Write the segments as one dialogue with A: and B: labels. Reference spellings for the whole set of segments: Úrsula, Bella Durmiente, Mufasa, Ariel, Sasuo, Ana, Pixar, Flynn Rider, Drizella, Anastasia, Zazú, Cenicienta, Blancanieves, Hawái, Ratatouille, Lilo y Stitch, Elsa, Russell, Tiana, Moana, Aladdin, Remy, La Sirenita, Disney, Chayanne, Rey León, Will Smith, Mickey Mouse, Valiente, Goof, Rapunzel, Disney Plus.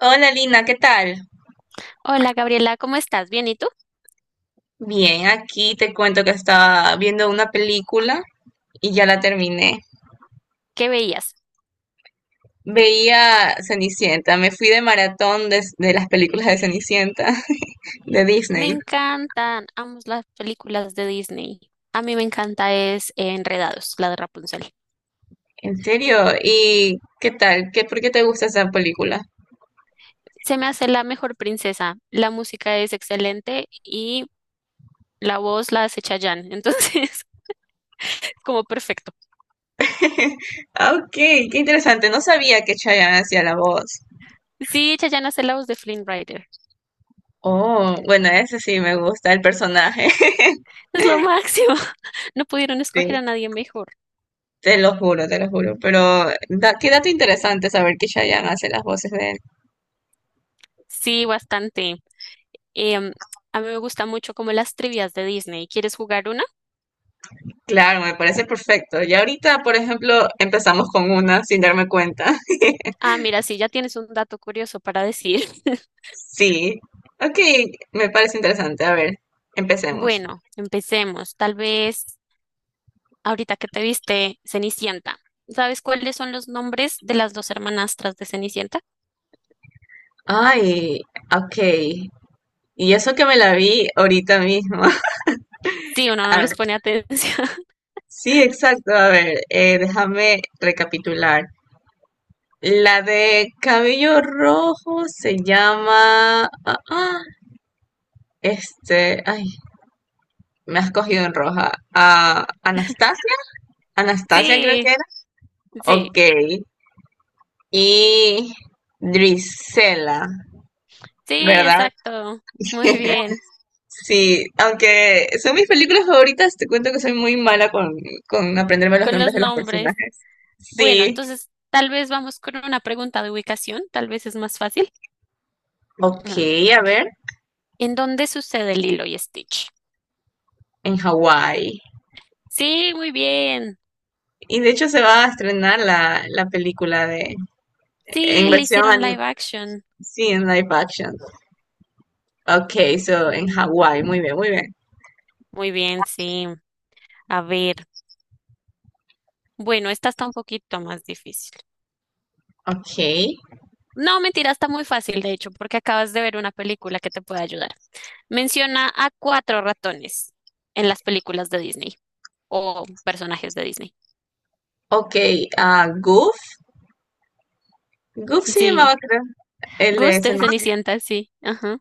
A: Hola Lina, ¿qué tal?
B: Hola Gabriela, ¿cómo estás? ¿Bien y tú?
A: Bien, aquí te cuento que estaba viendo una película y ya la terminé.
B: ¿Qué veías?
A: Veía Cenicienta, me fui de maratón de las películas de Cenicienta de
B: Me
A: Disney.
B: encantan, amo las películas de Disney. A mí me encanta es Enredados, la de Rapunzel.
A: ¿En serio? ¿Y qué tal? ¿ por qué te gusta esa película?
B: Se me hace la mejor princesa, la música es excelente y la voz la hace Chayanne, entonces como perfecto.
A: Ah, ok, qué interesante. No sabía que Chayanne hacía la voz.
B: Sí, Chayanne hace la voz de Flynn Rider,
A: Oh, bueno, ese sí me gusta, el personaje.
B: es lo máximo. No pudieron escoger
A: Sí,
B: a nadie mejor.
A: te lo juro, te lo juro. Pero qué dato interesante saber que Chayanne hace las voces de.
B: Sí, bastante. Em, a mí me gusta mucho como las trivias de Disney. ¿Quieres jugar una?
A: Claro, me parece perfecto. Ya ahorita, por ejemplo, empezamos con una sin darme cuenta.
B: Ah, mira, sí, ya tienes un dato curioso para decir.
A: Sí. Ok, me parece interesante. A ver, empecemos.
B: Bueno, empecemos. Tal vez ahorita que te viste Cenicienta. ¿Sabes cuáles son los nombres de las dos hermanastras de Cenicienta?
A: Ay, ok. Y eso que me la vi ahorita mismo.
B: Sí, uno
A: A
B: no les
A: ver,
B: pone atención.
A: sí, exacto. A ver, déjame recapitular. La de cabello rojo se llama... Ay, me has cogido en roja. Ah, Anastasia. Anastasia creo
B: Sí,
A: que era.
B: sí,
A: Ok. Y Drizella,
B: sí,
A: ¿verdad?
B: exacto. Muy bien,
A: Sí, aunque son mis películas favoritas, te cuento que soy muy mala con aprenderme los
B: con los
A: nombres de los
B: nombres.
A: personajes.
B: Bueno,
A: Sí,
B: entonces tal vez vamos con una pregunta de ubicación, tal vez es más fácil.
A: ok,
B: Mm.
A: a ver,
B: ¿En dónde sucede Lilo y Stitch?
A: en Hawái.
B: Sí, muy bien.
A: Y de hecho se va a estrenar la película de. En
B: Sí, le
A: versión
B: hicieron
A: anim
B: live action.
A: Sí, en live action. Ok, so en Hawái, muy bien, muy bien.
B: Muy bien, sí. A ver. Bueno, esta está un poquito más difícil.
A: Ok,
B: No, mentira, está muy fácil, de hecho, porque acabas de ver una película que te puede ayudar. Menciona a cuatro ratones en las películas de Disney o personajes de Disney.
A: ok, ah, Goof. Goof se
B: Sí,
A: llamaba, creo, el
B: Gus
A: de
B: de
A: Cenicienta.
B: Cenicienta, sí. Ajá.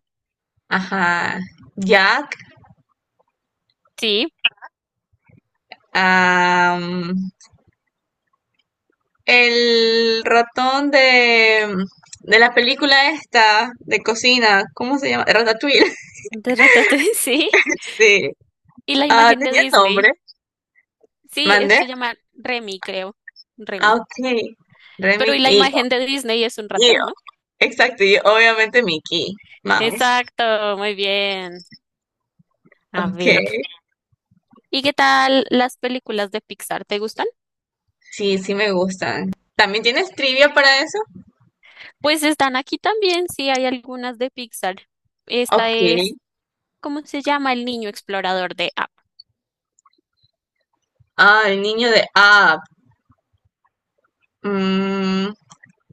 A: Ajá. Jack.
B: Sí,
A: Am, el ratón de la película esta de cocina, ¿cómo se llama? Ratatouille,
B: de Ratatouille, sí.
A: sí.
B: Y la
A: Ah,
B: imagen de
A: tenía nombre.
B: Disney. Sí, él
A: Mandé.
B: se llama Remy, creo.
A: Ah,
B: Remy.
A: ok. Remy
B: Pero y la
A: y,
B: imagen de Disney es un
A: y-
B: ratón, ¿no?
A: exacto, y obviamente Mickey Mouse.
B: Exacto, muy bien. A
A: Ok.
B: ver. ¿Y qué tal las películas de Pixar? ¿Te gustan?
A: Sí, sí me gustan. ¿También tienes trivia para eso?
B: Pues están aquí también, sí, hay algunas de Pixar. Esta
A: Ok.
B: es, ¿cómo se llama? El niño explorador de App.
A: Ah, el niño de Up. Mm,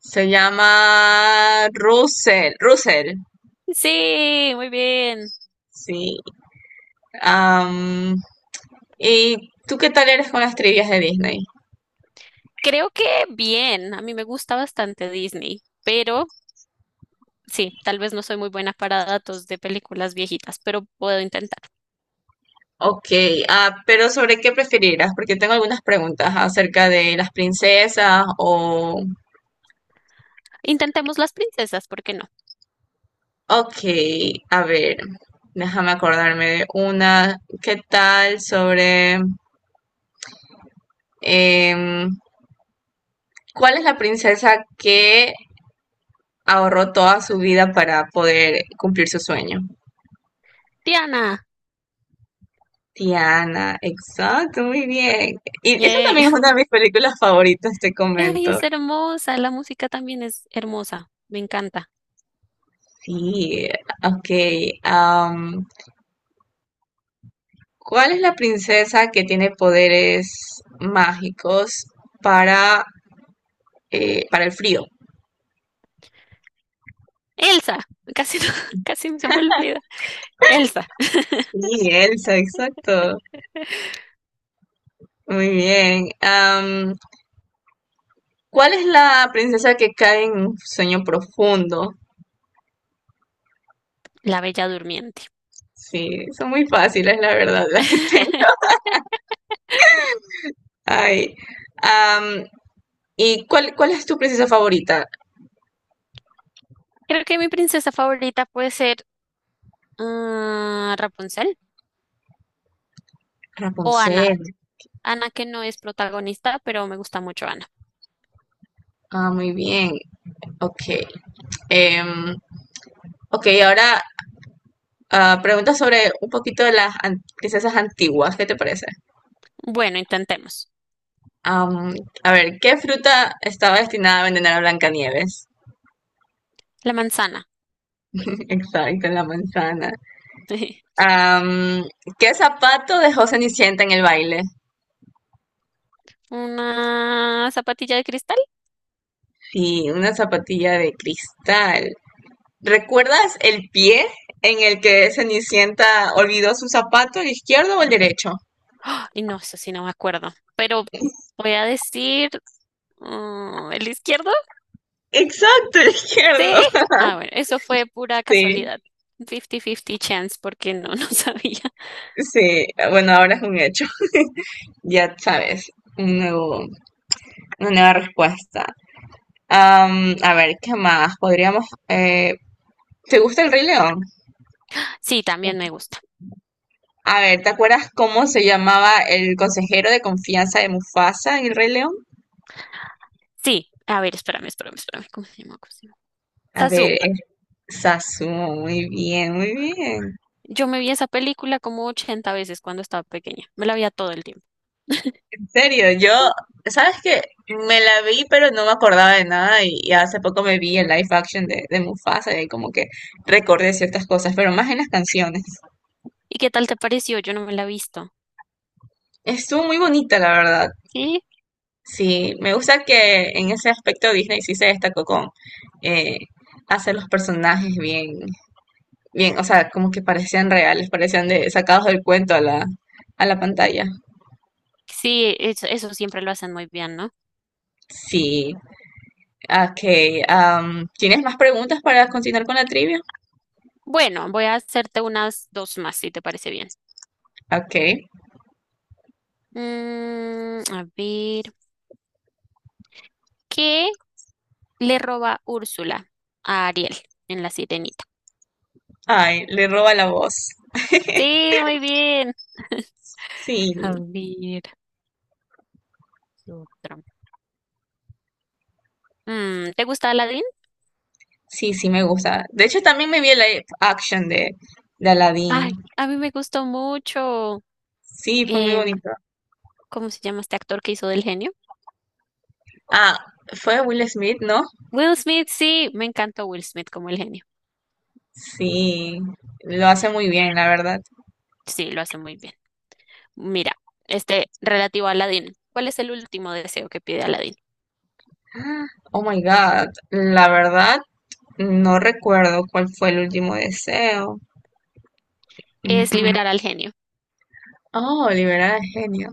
A: se llama Russell. Russell.
B: Sí, muy bien.
A: Sí. Am, ¿Y tú qué tal eres con las trivias de Disney?
B: Creo que bien. A mí me gusta bastante Disney, pero sí, tal vez no soy muy buena para datos de películas viejitas, pero puedo intentar.
A: Ok, ah, pero ¿sobre qué preferirás? Porque tengo algunas preguntas acerca de las princesas o...
B: Intentemos las princesas, ¿por qué no?
A: Ok, a ver, déjame acordarme de una. ¿Qué tal sobre... em, ¿cuál es la princesa que ahorró toda su vida para poder cumplir su sueño?
B: Tiana,
A: Tiana, exacto, muy bien. Y esa
B: yay.
A: también es una de mis películas favoritas, te
B: Ay,
A: comento.
B: es hermosa. La música también es hermosa. Me encanta.
A: Sí, ok. am, ¿cuál es la princesa que tiene poderes mágicos para, para el frío?
B: Elsa, casi, casi se me olvida. Elsa,
A: Sí, Elsa, exacto. Muy bien. ¿Cuál es la princesa que cae en un sueño profundo?
B: la Bella Durmiente.
A: Sí, son muy fáciles, la verdad, las que tengo. Ay. am, ¿Y cuál es tu princesa favorita?
B: Creo que mi princesa favorita puede ser ah, Rapunzel o Ana.
A: Rapunzel.
B: Ana que no es protagonista, pero me gusta mucho Ana.
A: Ah, muy bien. Ok. Em, ok, ahora. Ah, preguntas sobre un poquito de las princesas antiguas, ¿qué te parece?
B: Bueno, intentemos.
A: Am, a ver, ¿qué fruta estaba destinada a envenenar a Blancanieves?
B: La manzana.
A: Exacto, la manzana. Am, ¿Qué zapato dejó Cenicienta en el baile?
B: Una zapatilla de cristal.
A: Sí, una zapatilla de cristal. ¿Recuerdas el pie en el que Cenicienta olvidó su zapato, el izquierdo o el derecho?
B: ¡Ah! Y no, eso sí no me acuerdo. Pero voy a decir el izquierdo.
A: Exacto, el
B: Sí.
A: izquierdo.
B: Ah, bueno, eso fue pura
A: Sí,
B: casualidad. 50-50 chance porque no, no sabía.
A: sí, bueno, ahora es un hecho. Ya sabes, un nuevo. Una nueva respuesta. Am, a ver, ¿qué más? Podríamos... ¿te gusta el Rey León?
B: Sí, también me gusta.
A: A ver, ¿te acuerdas cómo se llamaba el consejero de confianza de Mufasa en el Rey León?
B: Sí, a ver, espérame, espérame, espérame. ¿Cómo se llama? ¿Cómo se llama?
A: A
B: Zazú.
A: ver, es. Sasuo, muy bien, muy bien.
B: Yo me vi esa película como 80 veces cuando estaba pequeña. Me la veía todo el tiempo.
A: En serio, yo, ¿sabes qué? Me la vi, pero no me acordaba de nada y hace poco me vi el live action de Mufasa y como que recordé ciertas cosas, pero más en las canciones.
B: ¿Y qué tal te pareció? Yo no me la he visto.
A: Estuvo muy bonita, la verdad.
B: Sí,
A: Sí, me gusta que en ese aspecto Disney sí se destacó con eh, hacer los personajes bien, o sea, como que parecían reales, parecían sacados del cuento a a la pantalla.
B: sí, eso siempre lo hacen muy bien, ¿no?
A: Sí, ok. ¿Tienes más preguntas para continuar con la trivia?
B: Bueno, voy a hacerte unas dos más, si te parece bien.
A: Ok.
B: A ver, ¿qué le roba Úrsula a Ariel en La Sirenita?
A: Ay, le roba la voz.
B: Sí, muy bien.
A: Sí,
B: A ver, ¿qué otra? ¿Te gusta la
A: sí, sí, me gusta. De hecho, también me vi el live action de Aladdin.
B: Ay, a mí me gustó mucho.
A: Sí, fue muy
B: em,
A: bonito.
B: ¿Cómo se llama este actor que hizo del genio?
A: Ah, fue Will Smith, ¿no?
B: Will Smith, sí, me encantó Will Smith como el genio.
A: Sí, lo hace muy bien, la verdad.
B: Sí, lo hace muy bien. Mira, este relativo a Aladdin. ¿Cuál es el último deseo que pide Aladdin?
A: Ah, Oh my God, la verdad, no recuerdo cuál fue el último deseo. Mm,
B: Es
A: mm.
B: liberar al genio.
A: Oh, liberar al genio.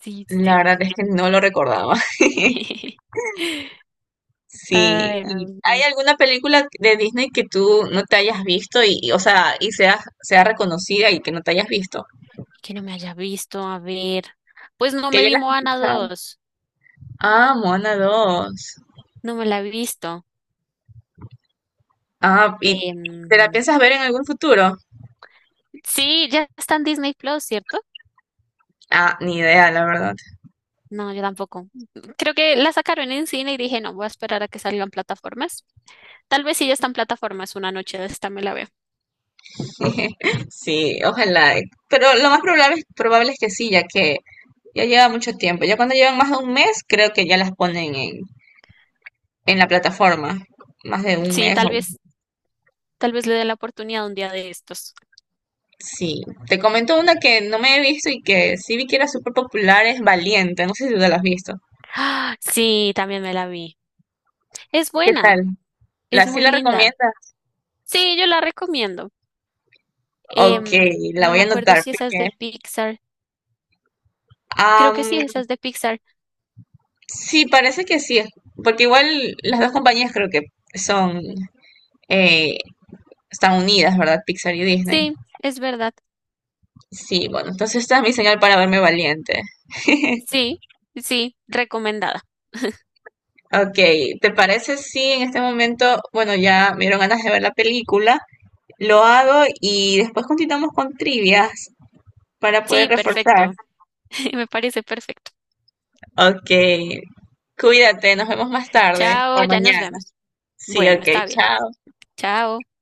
B: Sí,
A: La
B: sí,
A: verdad es que no lo recordaba.
B: sí.
A: Sí,
B: Ay, a
A: ¿y hay
B: ver.
A: alguna película de Disney que tú no te hayas visto o sea, sea reconocida y que no te hayas visto?
B: Que no me haya visto, a ver. Pues no
A: Que
B: me
A: ya
B: vi
A: las has
B: Moana
A: escuchado.
B: dos.
A: Ah, Moana 2.
B: No me la he visto.
A: Ah, ¿y te la
B: Em,
A: piensas ver en algún futuro?
B: sí, ya está en Disney Plus, ¿cierto?
A: Ah, ni idea, la verdad.
B: No, yo tampoco. Creo que la sacaron en cine y dije, no, voy a esperar a que salgan plataformas. Tal vez si ya están plataformas, una noche de esta me la veo.
A: Sí, ojalá. Pero lo más probable es que sí, ya que ya lleva mucho tiempo. Ya cuando llevan más de un mes, creo que ya las ponen en la plataforma. Más de un
B: Sí,
A: mes. O-
B: tal vez le dé la oportunidad un día de estos.
A: Sí. Te comento una que no me he visto y que sí vi que era súper popular, es Valiente. No sé si tú la has visto.
B: ¡Ah! Sí, también me la vi. Es
A: ¿Qué
B: buena,
A: tal? ¿La
B: es
A: sí
B: muy
A: la
B: linda.
A: recomiendas?
B: Sí, yo la recomiendo.
A: Ok,
B: Em,
A: la
B: no
A: voy
B: me
A: a
B: acuerdo
A: anotar
B: si esa es
A: porque...
B: de Pixar. Creo que sí,
A: am,
B: esa es de Pixar.
A: sí, parece que sí. Porque igual las dos compañías creo que son... eh, están unidas, ¿verdad? Pixar y Disney.
B: Sí, es verdad.
A: Sí, bueno, entonces esta es mi señal para verme valiente.
B: Sí, sí, recomendada.
A: Ok, ¿te parece si en este momento, bueno, ya me dieron ganas de ver la película, lo hago y después continuamos con trivias para
B: Sí,
A: poder reforzar?
B: perfecto. Me parece perfecto.
A: Ok, cuídate, nos vemos más tarde o
B: Chao, ya nos
A: mañana.
B: vemos.
A: Sí,
B: Bueno,
A: ok,
B: está bien.
A: chao.
B: Chao.